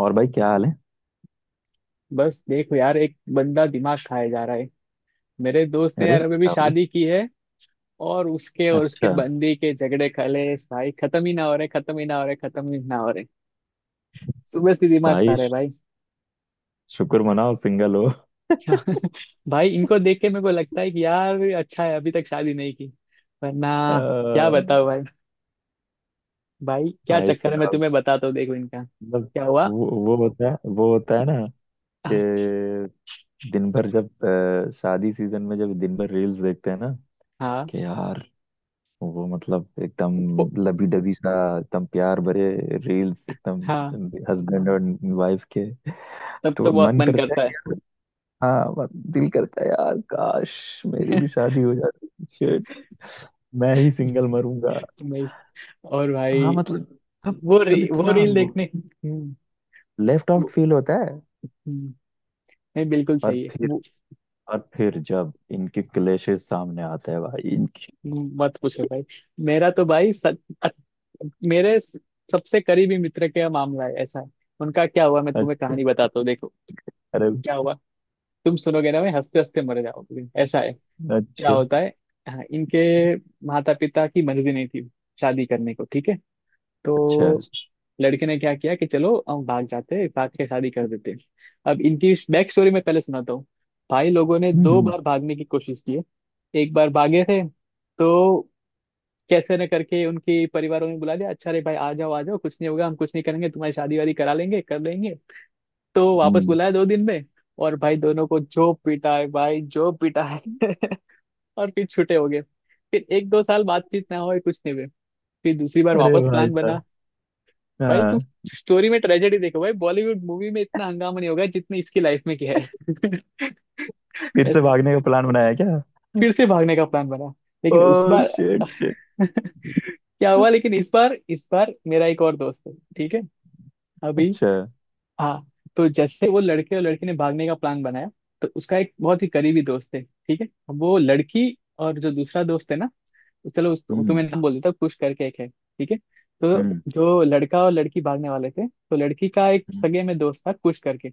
और भाई, क्या हाल है? बस देखो यार, एक बंदा दिमाग खाए जा रहा है। मेरे दोस्त ने अरे, यार अभी भी क्या हो गया? शादी की है। और उसके अच्छा। बंदी के झगड़े कलेश भाई खत्म ही ना हो रहे, खत्म ही ना हो रहे, खत्म ही ना हो रहे। सुबह से दिमाग खा भाई, रहे भाई। शुक्र मनाओ, सिंगल हो। भाई इनको देख के मेरे को लगता है कि यार अच्छा है अभी तक शादी नहीं की, वरना क्या अ, बताओ भाई। भाई क्या भाई चक्कर है मैं साहब, तुम्हें बताता हूँ, देखो इनका मतलब क्या हुआ। वो होता है, वो होता है ना, कि दिन भर जब शादी सीजन में जब दिन भर रील्स देखते हैं ना, हाँ। कि यार वो मतलब एकदम वो- लबी डबी सा, एकदम प्यार भरे रील्स, एकदम हाँ, हस्बैंड और वाइफ के, तब तो तो बहुत मन मन करता करता है। है। हाँ, दिल करता है यार, काश मेरी भी शादी हो जाती। शिट, मैं ही सिंगल मरूंगा। मैं- और हाँ भाई, मतलब, तब तब वो इतना रील देखने। लेफ्ट आउट फील होता है। हम्म, नहीं, बिल्कुल और सही है फिर वो। और फिर जब इनके क्लेशेस सामने आते हैं भाई, इनके। मत पूछो भाई, मेरा तो भाई सच, अ- मेरे स- सबसे करीबी मित्र का मामला है, ऐसा है। उनका क्या हुआ मैं तुम्हें अच्छा। कहानी बताता हूँ, देखो अरे। क्या हुआ। तुम सुनोगे ना, मैं हंसते हंसते मर जाओगे, ऐसा है क्या अच्छा, होता है। हाँ, इनके माता पिता की मर्जी नहीं थी शादी करने को, ठीक है। अच्छा। तो लड़के ने क्या किया कि चलो हम भाग जाते हैं, भाग के शादी कर देते हैं। अब इनकी बैक स्टोरी मैं पहले सुनाता हूँ। भाई लोगों ने दो हम्म, बार भागने की कोशिश की है। एक बार भागे थे तो कैसे न करके उनके परिवारों ने बुला दिया, अच्छा रे भाई आ जाओ कुछ नहीं होगा, हम कुछ नहीं करेंगे तुम्हारी शादी वादी करा लेंगे, कर लेंगे। तो वापस हम्म। बुलाया दो दिन में, और भाई दोनों को जो पीटा है भाई, जो पीटा है। और फिर छूटे हो गए, फिर एक दो साल बातचीत ना हो, कुछ नहीं हुए। फिर दूसरी बार अरे वापस भाई प्लान बना। साहब। भाई तुम हाँ। स्टोरी में ट्रेजेडी देखो भाई, बॉलीवुड मूवी में इतना हंगामा नहीं होगा जितने इसकी लाइफ में किया है। फिर से ऐसा भागने का प्लान बनाया क्या? फिर से भागने का प्लान बना, ओ लेकिन उस बार। Shit, shit. क्या हुआ, लेकिन इस बार, इस बार मेरा एक और दोस्त है, ठीक है अभी। अच्छा। हाँ, तो जैसे वो लड़के और लड़की ने भागने का प्लान बनाया, तो उसका एक बहुत ही करीबी दोस्त है, ठीक है। वो लड़की, और जो दूसरा दोस्त है ना, चलो उस हम्म, तुम्हें नाम बोल देता हूँ, कुश करके एक है, ठीक है। तो हम्म, जो लड़का और लड़की भागने वाले थे, तो लड़की का एक हम्म। सगे में दोस्त था कुश करके।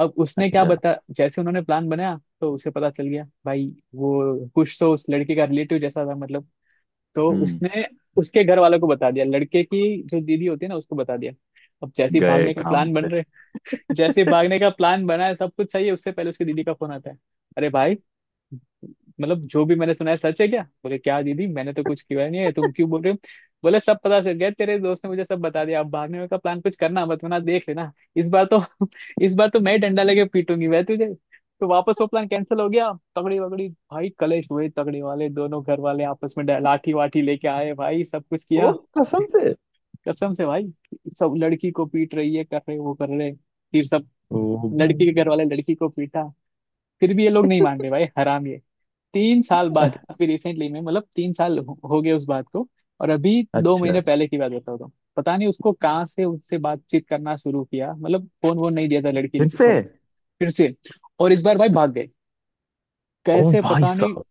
अब उसने क्या अच्छा। बता, जैसे उन्होंने प्लान बनाया तो उसे पता चल गया भाई। वो कुश तो उस लड़के का रिलेटिव जैसा था मतलब। तो हम्म। उसने उसके घर वालों को बता दिया, लड़के की जो दीदी होती है ना, उसको बता दिया। अब जैसे ही गए भागने का काम प्लान से। बन रहे, जैसे ही भागने का प्लान बना है, सब कुछ सही है, उससे पहले उसकी दीदी का फोन आता है। अरे भाई, मतलब जो भी मैंने सुना है सच है क्या? बोले, क्या दीदी मैंने तो कुछ किया नहीं है, तुम क्यों बोल रहे हो। बोले, सब पता चल गया, तेरे दोस्त ने मुझे सब बता दिया, अब भागने का प्लान कुछ करना मत वरना देख लेना। इस बार तो इस बार तो मैं ही डंडा लेके पीटूंगी वह तुझे। तो वापस वो प्लान कैंसिल हो गया, तगड़ी वगड़ी भाई कलेश हुए, तगड़ी वाले दोनों घर वाले आपस में लाठी वाठी लेके आए भाई, सब कुछ ओ, किया। कसम से। कसम से भाई। सब लड़की को पीट रही है, कर रहे वो कर रहे, फिर सब ओ लड़की भाई। के घर वाले लड़की को पीटा। फिर भी ये लोग नहीं मान रहे भाई, हराम। 3 साल बाद अभी रिसेंटली में, मतलब 3 साल हो गए उस बात को। और अभी दो अच्छा। महीने पहले की बात बता रहा हूँ। पता नहीं उसको कहाँ से उससे बातचीत करना शुरू किया, मतलब फोन वोन नहीं दिया था लड़की फिर से? को। फिर से, और इस बार भाई भाग गए। ओ कैसे भाई पता नहीं। साहब।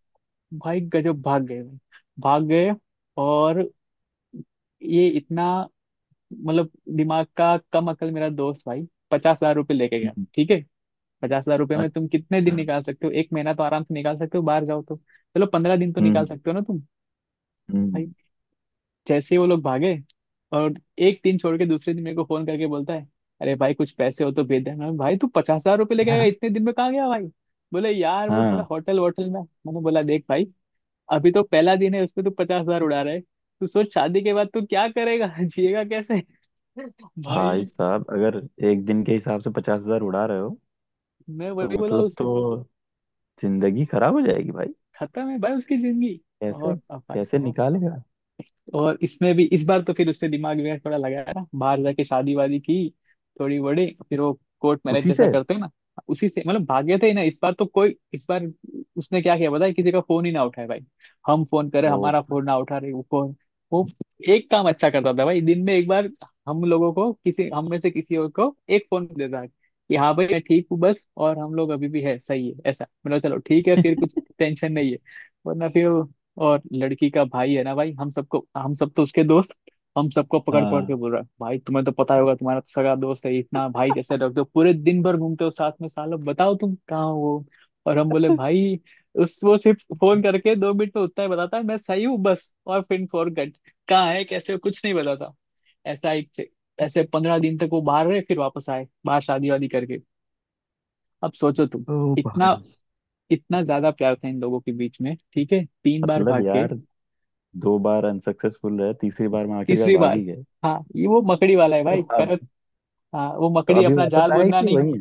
भाई गजब भाग गए भाई, भाग गए। और ये इतना, मतलब दिमाग का कम अकल मेरा दोस्त भाई, 50,000 रुपये लेके गया, हम्म। ठीक है। 50,000 रुपये में अच्छा। तुम कितने दिन निकाल सकते हो? एक महीना तो आराम से निकाल सकते हो, बाहर जाओ तो चलो 15 दिन तो हम्म, निकाल सकते हो ना तुम। भाई। हम्म। जैसे ही वो लोग भागे, और एक दिन छोड़ के दूसरे दिन मेरे को फोन करके बोलता है, अरे भाई कुछ पैसे हो तो भेज देना। भाई तू 50,000 रुपये लेके आया, यार। इतने दिन में कहाँ गया भाई? बोले यार वो थोड़ा हाँ होटल वोटल में। मैंने बोला, देख भाई, अभी तो पहला दिन है उसमें तू 50,000 उड़ा रहा है, तू सोच शादी के बाद तू क्या करेगा, जिएगा कैसे। भाई भाई, साहब, अगर एक दिन के हिसाब से 50,000 उड़ा रहे हो, मैं तो वही बोला मतलब, उसे। तो जिंदगी खराब हो जाएगी भाई। खत्म है भाई उसकी जिंदगी। कैसे? और अब भाई, कैसे निकालेगा? और इसमें भी इस बार तो फिर उससे दिमाग वगैरह थोड़ा लगाया ना, बाहर जाके शादी वादी की, थोड़ी बड़ी फिर वो कोर्ट मैरिज उसी जैसा से। करते हैं ना, उसी से। मतलब भागे थे ना इस बार तो, कोई इस बार उसने क्या किया पता है, किसी का फोन ही ना उठाए भाई। हम फोन करें, ओ। हमारा फोन ना उठा रहे वो फोन। वो एक काम अच्छा करता था भाई, दिन में एक बार हम लोगों को, किसी हम में से किसी और को एक फोन देता कि हाँ भाई मैं ठीक हूँ बस, और हम लोग अभी भी है सही है, ऐसा मतलब, चलो ठीक है फिर कुछ टेंशन नहीं है। वरना फिर वो, और लड़की का भाई है ना भाई, हम सब तो उसके दोस्त, हम सबको पकड़ पकड़ के हाँ। बोल रहा है भाई, तुम्हें तो पता ही होगा, तुम्हारा तो सगा दोस्त है इतना भाई, जैसे रख दो पूरे दिन भर घूमते हो साथ में सालों, बताओ तुम कहाँ हो वो। और हम बोले भाई, उस वो सिर्फ फोन करके 2 मिनट में उतना ही बताता है, मैं सही हूँ बस और फिर फॉरगेट, कहाँ है कैसे हो, कुछ नहीं बताता। ऐसा एक, ऐसे 15 दिन तक वो बाहर रहे, फिर वापस आए बाहर शादी वादी करके। अब सोचो तुम, ओ इतना, भाई। इतना ज्यादा प्यार था इन लोगों के बीच में, ठीक है, तीन बार मतलब भाग के। यार, दो बार अनसक्सेसफुल रहे, तीसरी बार में आखिरकार तीसरी भाग बार, ही गए। हाँ ये वो मकड़ी वाला है तो भाई अब? करत, हाँ वो तो मकड़ी अभी अपना वापस जाल आए बुनना कि नहीं। वही है?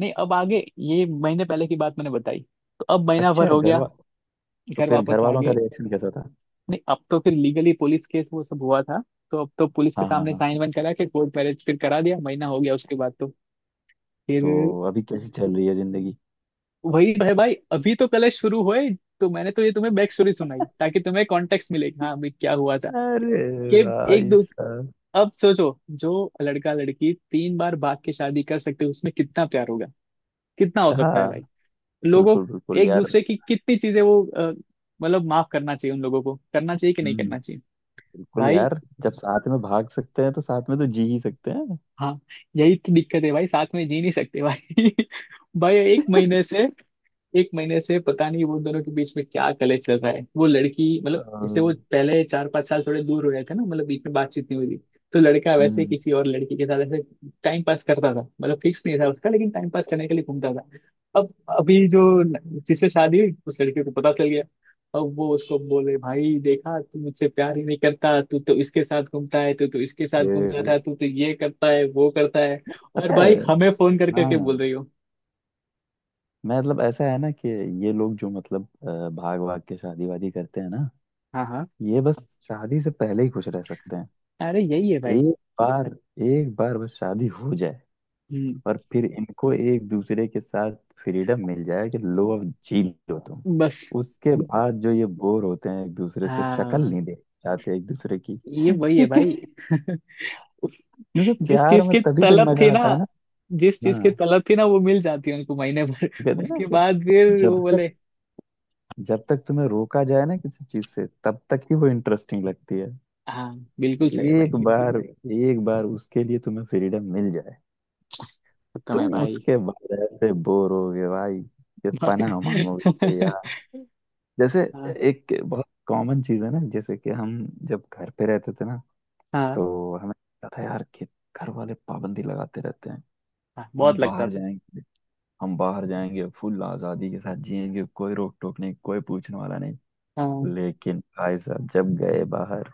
नहीं, अब आगे ये महीने पहले की बात मैंने बताई, तो अब महीना भर अच्छा। हो गया तो घर फिर घर वापस आ वालों का गए। रिएक्शन कैसा था? नहीं, अब तो फिर लीगली पुलिस केस वो सब हुआ था, तो अब तो पुलिस के हाँ, हाँ, सामने हाँ। साइन वाइन करा के कोर्ट मैरिज फिर करा दिया, महीना हो गया उसके बाद तो। तो फिर अभी कैसी चल रही है जिंदगी? वही है भाई, अभी तो कलेश शुरू हुए। तो मैंने तो ये तुम्हें बैक स्टोरी सुनाई ताकि तुम्हें कॉन्टेक्स्ट मिले, हाँ भाई क्या हुआ था अरे कि एक भाई दो। साहब। अब सोचो, जो लड़का लड़की तीन बार भाग के शादी कर सकते हैं उसमें कितना प्यार होगा? कितना हो सकता है हाँ, भाई, लोगों, बिल्कुल बिल्कुल एक यार। दूसरे की कितनी चीजें वो मतलब माफ करना चाहिए उन लोगों को, करना चाहिए कि नहीं हम्म। करना चाहिए? बिल्कुल भाई, यार। जब साथ में भाग सकते हैं, तो साथ में तो जी ही सकते हैं। हाँ, यही तो दिक्कत है भाई, साथ में जी नहीं सकते भाई। भाई एक महीने से, एक महीने से पता नहीं वो दोनों के बीच में क्या कलेश चल रहा है। वो लड़की अ, मतलब जैसे वो पहले 4-5 साल थोड़े दूर हो गए थे ना, मतलब बीच में बातचीत नहीं हुई थी, तो लड़का वैसे हम्म। किसी और लड़की के साथ ऐसे टाइम पास करता था, मतलब फिक्स नहीं था उसका, लेकिन टाइम पास करने के लिए घूमता था। अब अभी जो जिससे शादी हुई, उस लड़के को पता चल गया। अब वो उसको बोले, भाई देखा तू मुझसे प्यार ही नहीं करता, तू तो इसके साथ घूमता है, तू तो इसके साथ घूमता ये था, तू तो ये करता है वो करता है। और पता है। भाई हमें फोन करके के बोल हाँ, रही हो। मैं मतलब ऐसा है ना कि ये लोग जो मतलब भाग भाग के शादी वादी करते हैं ना, हाँ, हाँ, ये बस शादी से पहले ही खुश रह सकते हैं। अरे यही है एक बार, एक बार बस शादी हो जाए, भाई। और फिर इनको एक दूसरे के साथ फ्रीडम मिल जाए कि लो, अब जी लो तुम। बस, उसके ब- बाद जो ये बोर होते हैं, एक दूसरे से शक्ल हाँ, नहीं देख चाहते एक दूसरे की। ये वही है क्योंकि भाई। क्योंकि जिस प्यार चीज में की तभी तक तलब थी मजा ना, आता है ना। जिस चीज की हाँ तलब थी ना वो मिल जाती है उनको महीने भर। कहते हैं ना उसके कि बाद फिर वो जब बोले, तक जब तक तुम्हें रोका जाए ना किसी चीज से, तब तक ही वो इंटरेस्टिंग लगती है। हाँ बिल्कुल सही है भाई। एक बार, एक बार उसके लिए तुम्हें फ्रीडम मिल जाए, खत्म है तुम भाई। उसके बाद ऐसे बोर होगे भाई कि पनाह मांगोगे कि यार। जैसे हाँ। एक बहुत कॉमन चीज है ना, जैसे कि हम जब घर पे रहते थे ना, हाँ। तो हमें लगता था यार कि घर वाले पाबंदी लगाते रहते हैं। हाँ हम बहुत लगता बाहर था। जाएंगे हम बाहर जाएंगे फुल आजादी के साथ जिएंगे, कोई रोक टोक नहीं, कोई पूछने वाला नहीं। हाँ। लेकिन भाई साहब, जब गए बाहर,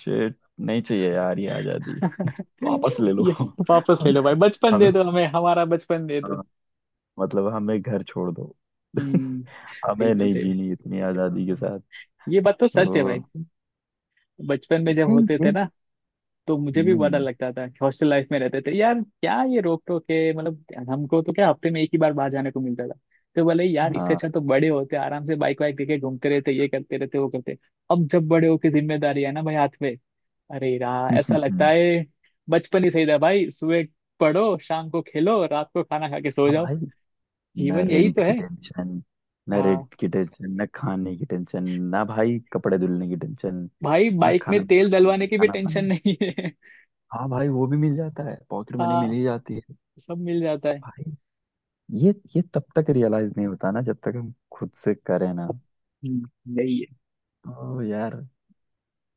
शेट, नहीं चाहिए यार ये आजादी। वापस ले लो ये वापस ले हमें। लो भाई, बचपन हमें, दे दो हमें, हमारा बचपन दे दो। हाँ, मतलब, हमें घर छोड़ दो। हम्म। हमें बिल्कुल नहीं सही, जीनी इतनी आजादी के साथ। ये बात तो सच है तो भाई। बचपन में जब इसे होते थे ये- ना, तो मुझे भी बड़ा डर हम्म। लगता था, हॉस्टल लाइफ में रहते थे यार, क्या ये रोक टोक है मतलब, हमको तो क्या हफ्ते में एक ही बार बाहर जाने को मिलता था। तो बोले यार इससे हाँ। अच्छा तो बड़े होते आराम से बाइक वाइक लेके घूमते रहते, ये करते रहते वो करते। अब जब बड़े होके जिम्मेदारी है ना भाई हाथ में, अरे यार ऐसा लगता हाँ है बचपन ही सही था भाई। सुबह पढ़ो, शाम को खेलो, रात को खाना खा के सो जाओ, भाई। ना जीवन यही रेंट तो की है। टेंशन ना हाँ, रेंट की टेंशन, ना खाने की टेंशन, ना भाई कपड़े धुलने की टेंशन, भाई बाइक में तेल डलवाने ना की भी खाना टेंशन बना। नहीं है। हाँ भाई, वो भी मिल जाता है, पॉकेट मनी मिल हाँ, ही जाती है। सब मिल जाता है। भाई, ये तब तक रियलाइज नहीं होता ना, जब तक हम खुद से करें ना। यही है। तो यार,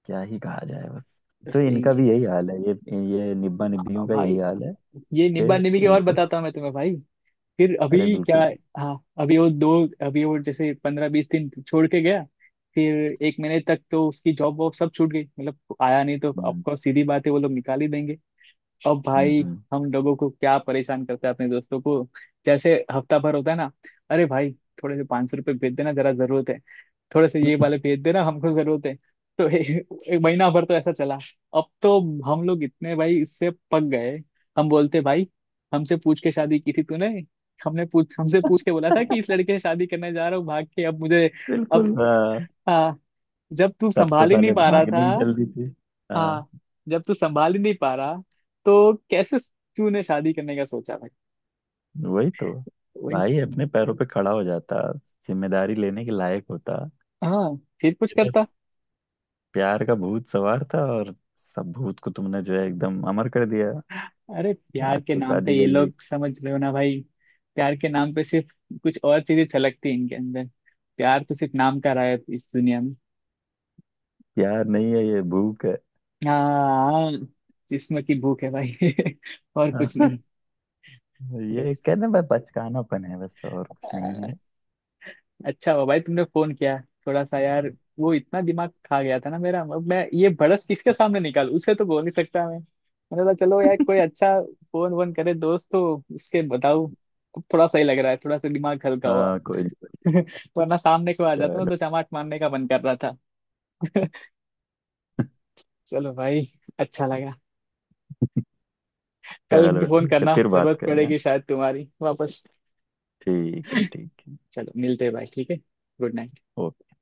क्या ही कहा जाए, बस। तो बस यही इनका है भी यही हाल है। ये निब्बा निब्बियों का भाई। यही हाल है ये निब्बा निबी कि के और इनको। बताता हूँ मैं तुम्हें भाई, फिर अभी अरे, क्या। बिल्कुल। हाँ अभी वो दो, अभी वो जैसे 15-20 दिन छोड़ के गया, फिर एक महीने तक तो उसकी जॉब वॉब सब छूट गई, मतलब आया नहीं तो हम्म, ऑफकोर्स सीधी बात है वो लोग निकाल ही देंगे। अब भाई हम्म। हम लोगों को क्या परेशान करते हैं अपने दोस्तों को, जैसे हफ्ता भर होता है ना, अरे भाई थोड़े से 500 रुपये भेज देना जरा जरूरत है, थोड़े से ये वाले भेज देना हमको जरूरत है। तो ए- एक महीना भर तो ऐसा चला। अब तो हम लोग इतने भाई इससे पक गए, हम बोलते भाई हमसे पूछ के शादी की थी तूने, हमने पूछ हमसे पूछ के बोला था कि इस लड़के से शादी करने जा रहा हूँ भाग के, अब मुझे। अब, बिल्कुल। हाँ, जब तू तब तो संभाल ही नहीं साले पा रहा भागने था, की जल्दी थी। हाँ, हाँ जब तू संभाल ही नहीं पा रहा, तो कैसे तूने शादी करने का सोचा भाई? वही तो। तो वही, भाई, अपने पैरों पे खड़ा हो जाता, जिम्मेदारी लेने के लायक होता। हाँ फिर कुछ ये करता। बस प्यार का भूत सवार था, और सब भूत को तुमने जो है एकदम अमर कर दिया। अरे प्यार भाग के के नाम पे शादी ये कर ली। लोग, समझ रहे हो ना भाई, प्यार के नाम पे सिर्फ कुछ और चीजें छलकती हैं इनके अंदर। प्यार तो सिर्फ नाम का रहा है इस दुनिया में। प्यार नहीं है, ये भूख है। हाँ, जिस्म की भूख है भाई, और कुछ नहीं। ये बस, कहने में बचकानापन है, बस और कुछ नहीं है। अ, अच्छा हुआ भाई तुमने फोन किया, थोड़ा सा यार वो इतना दिमाग खा गया था ना मेरा, अब मैं ये भड़स किसके सामने निकालूं, उसे तो बोल नहीं सकता मैं, मैंने बोला चलो यार कोई अच्छा फोन वोन करे दोस्त तो उसके बताऊं। अब थोड़ा सही लग रहा है, थोड़ा सा दिमाग हल्का हुआ। हाँ, कोई नहीं। वरना सामने को आ जाता ना चलो। तो चमाट मारने का मन कर रहा था। चलो भाई, अच्छा लगा। कल चलो, फोन ठीक है, करना, फिर बात जरूरत करेंगे। पड़ेगी शायद तुम्हारी वापस। ठीक है, ठीक है। चलो मिलते हैं भाई, ठीक है। Good night. ओके।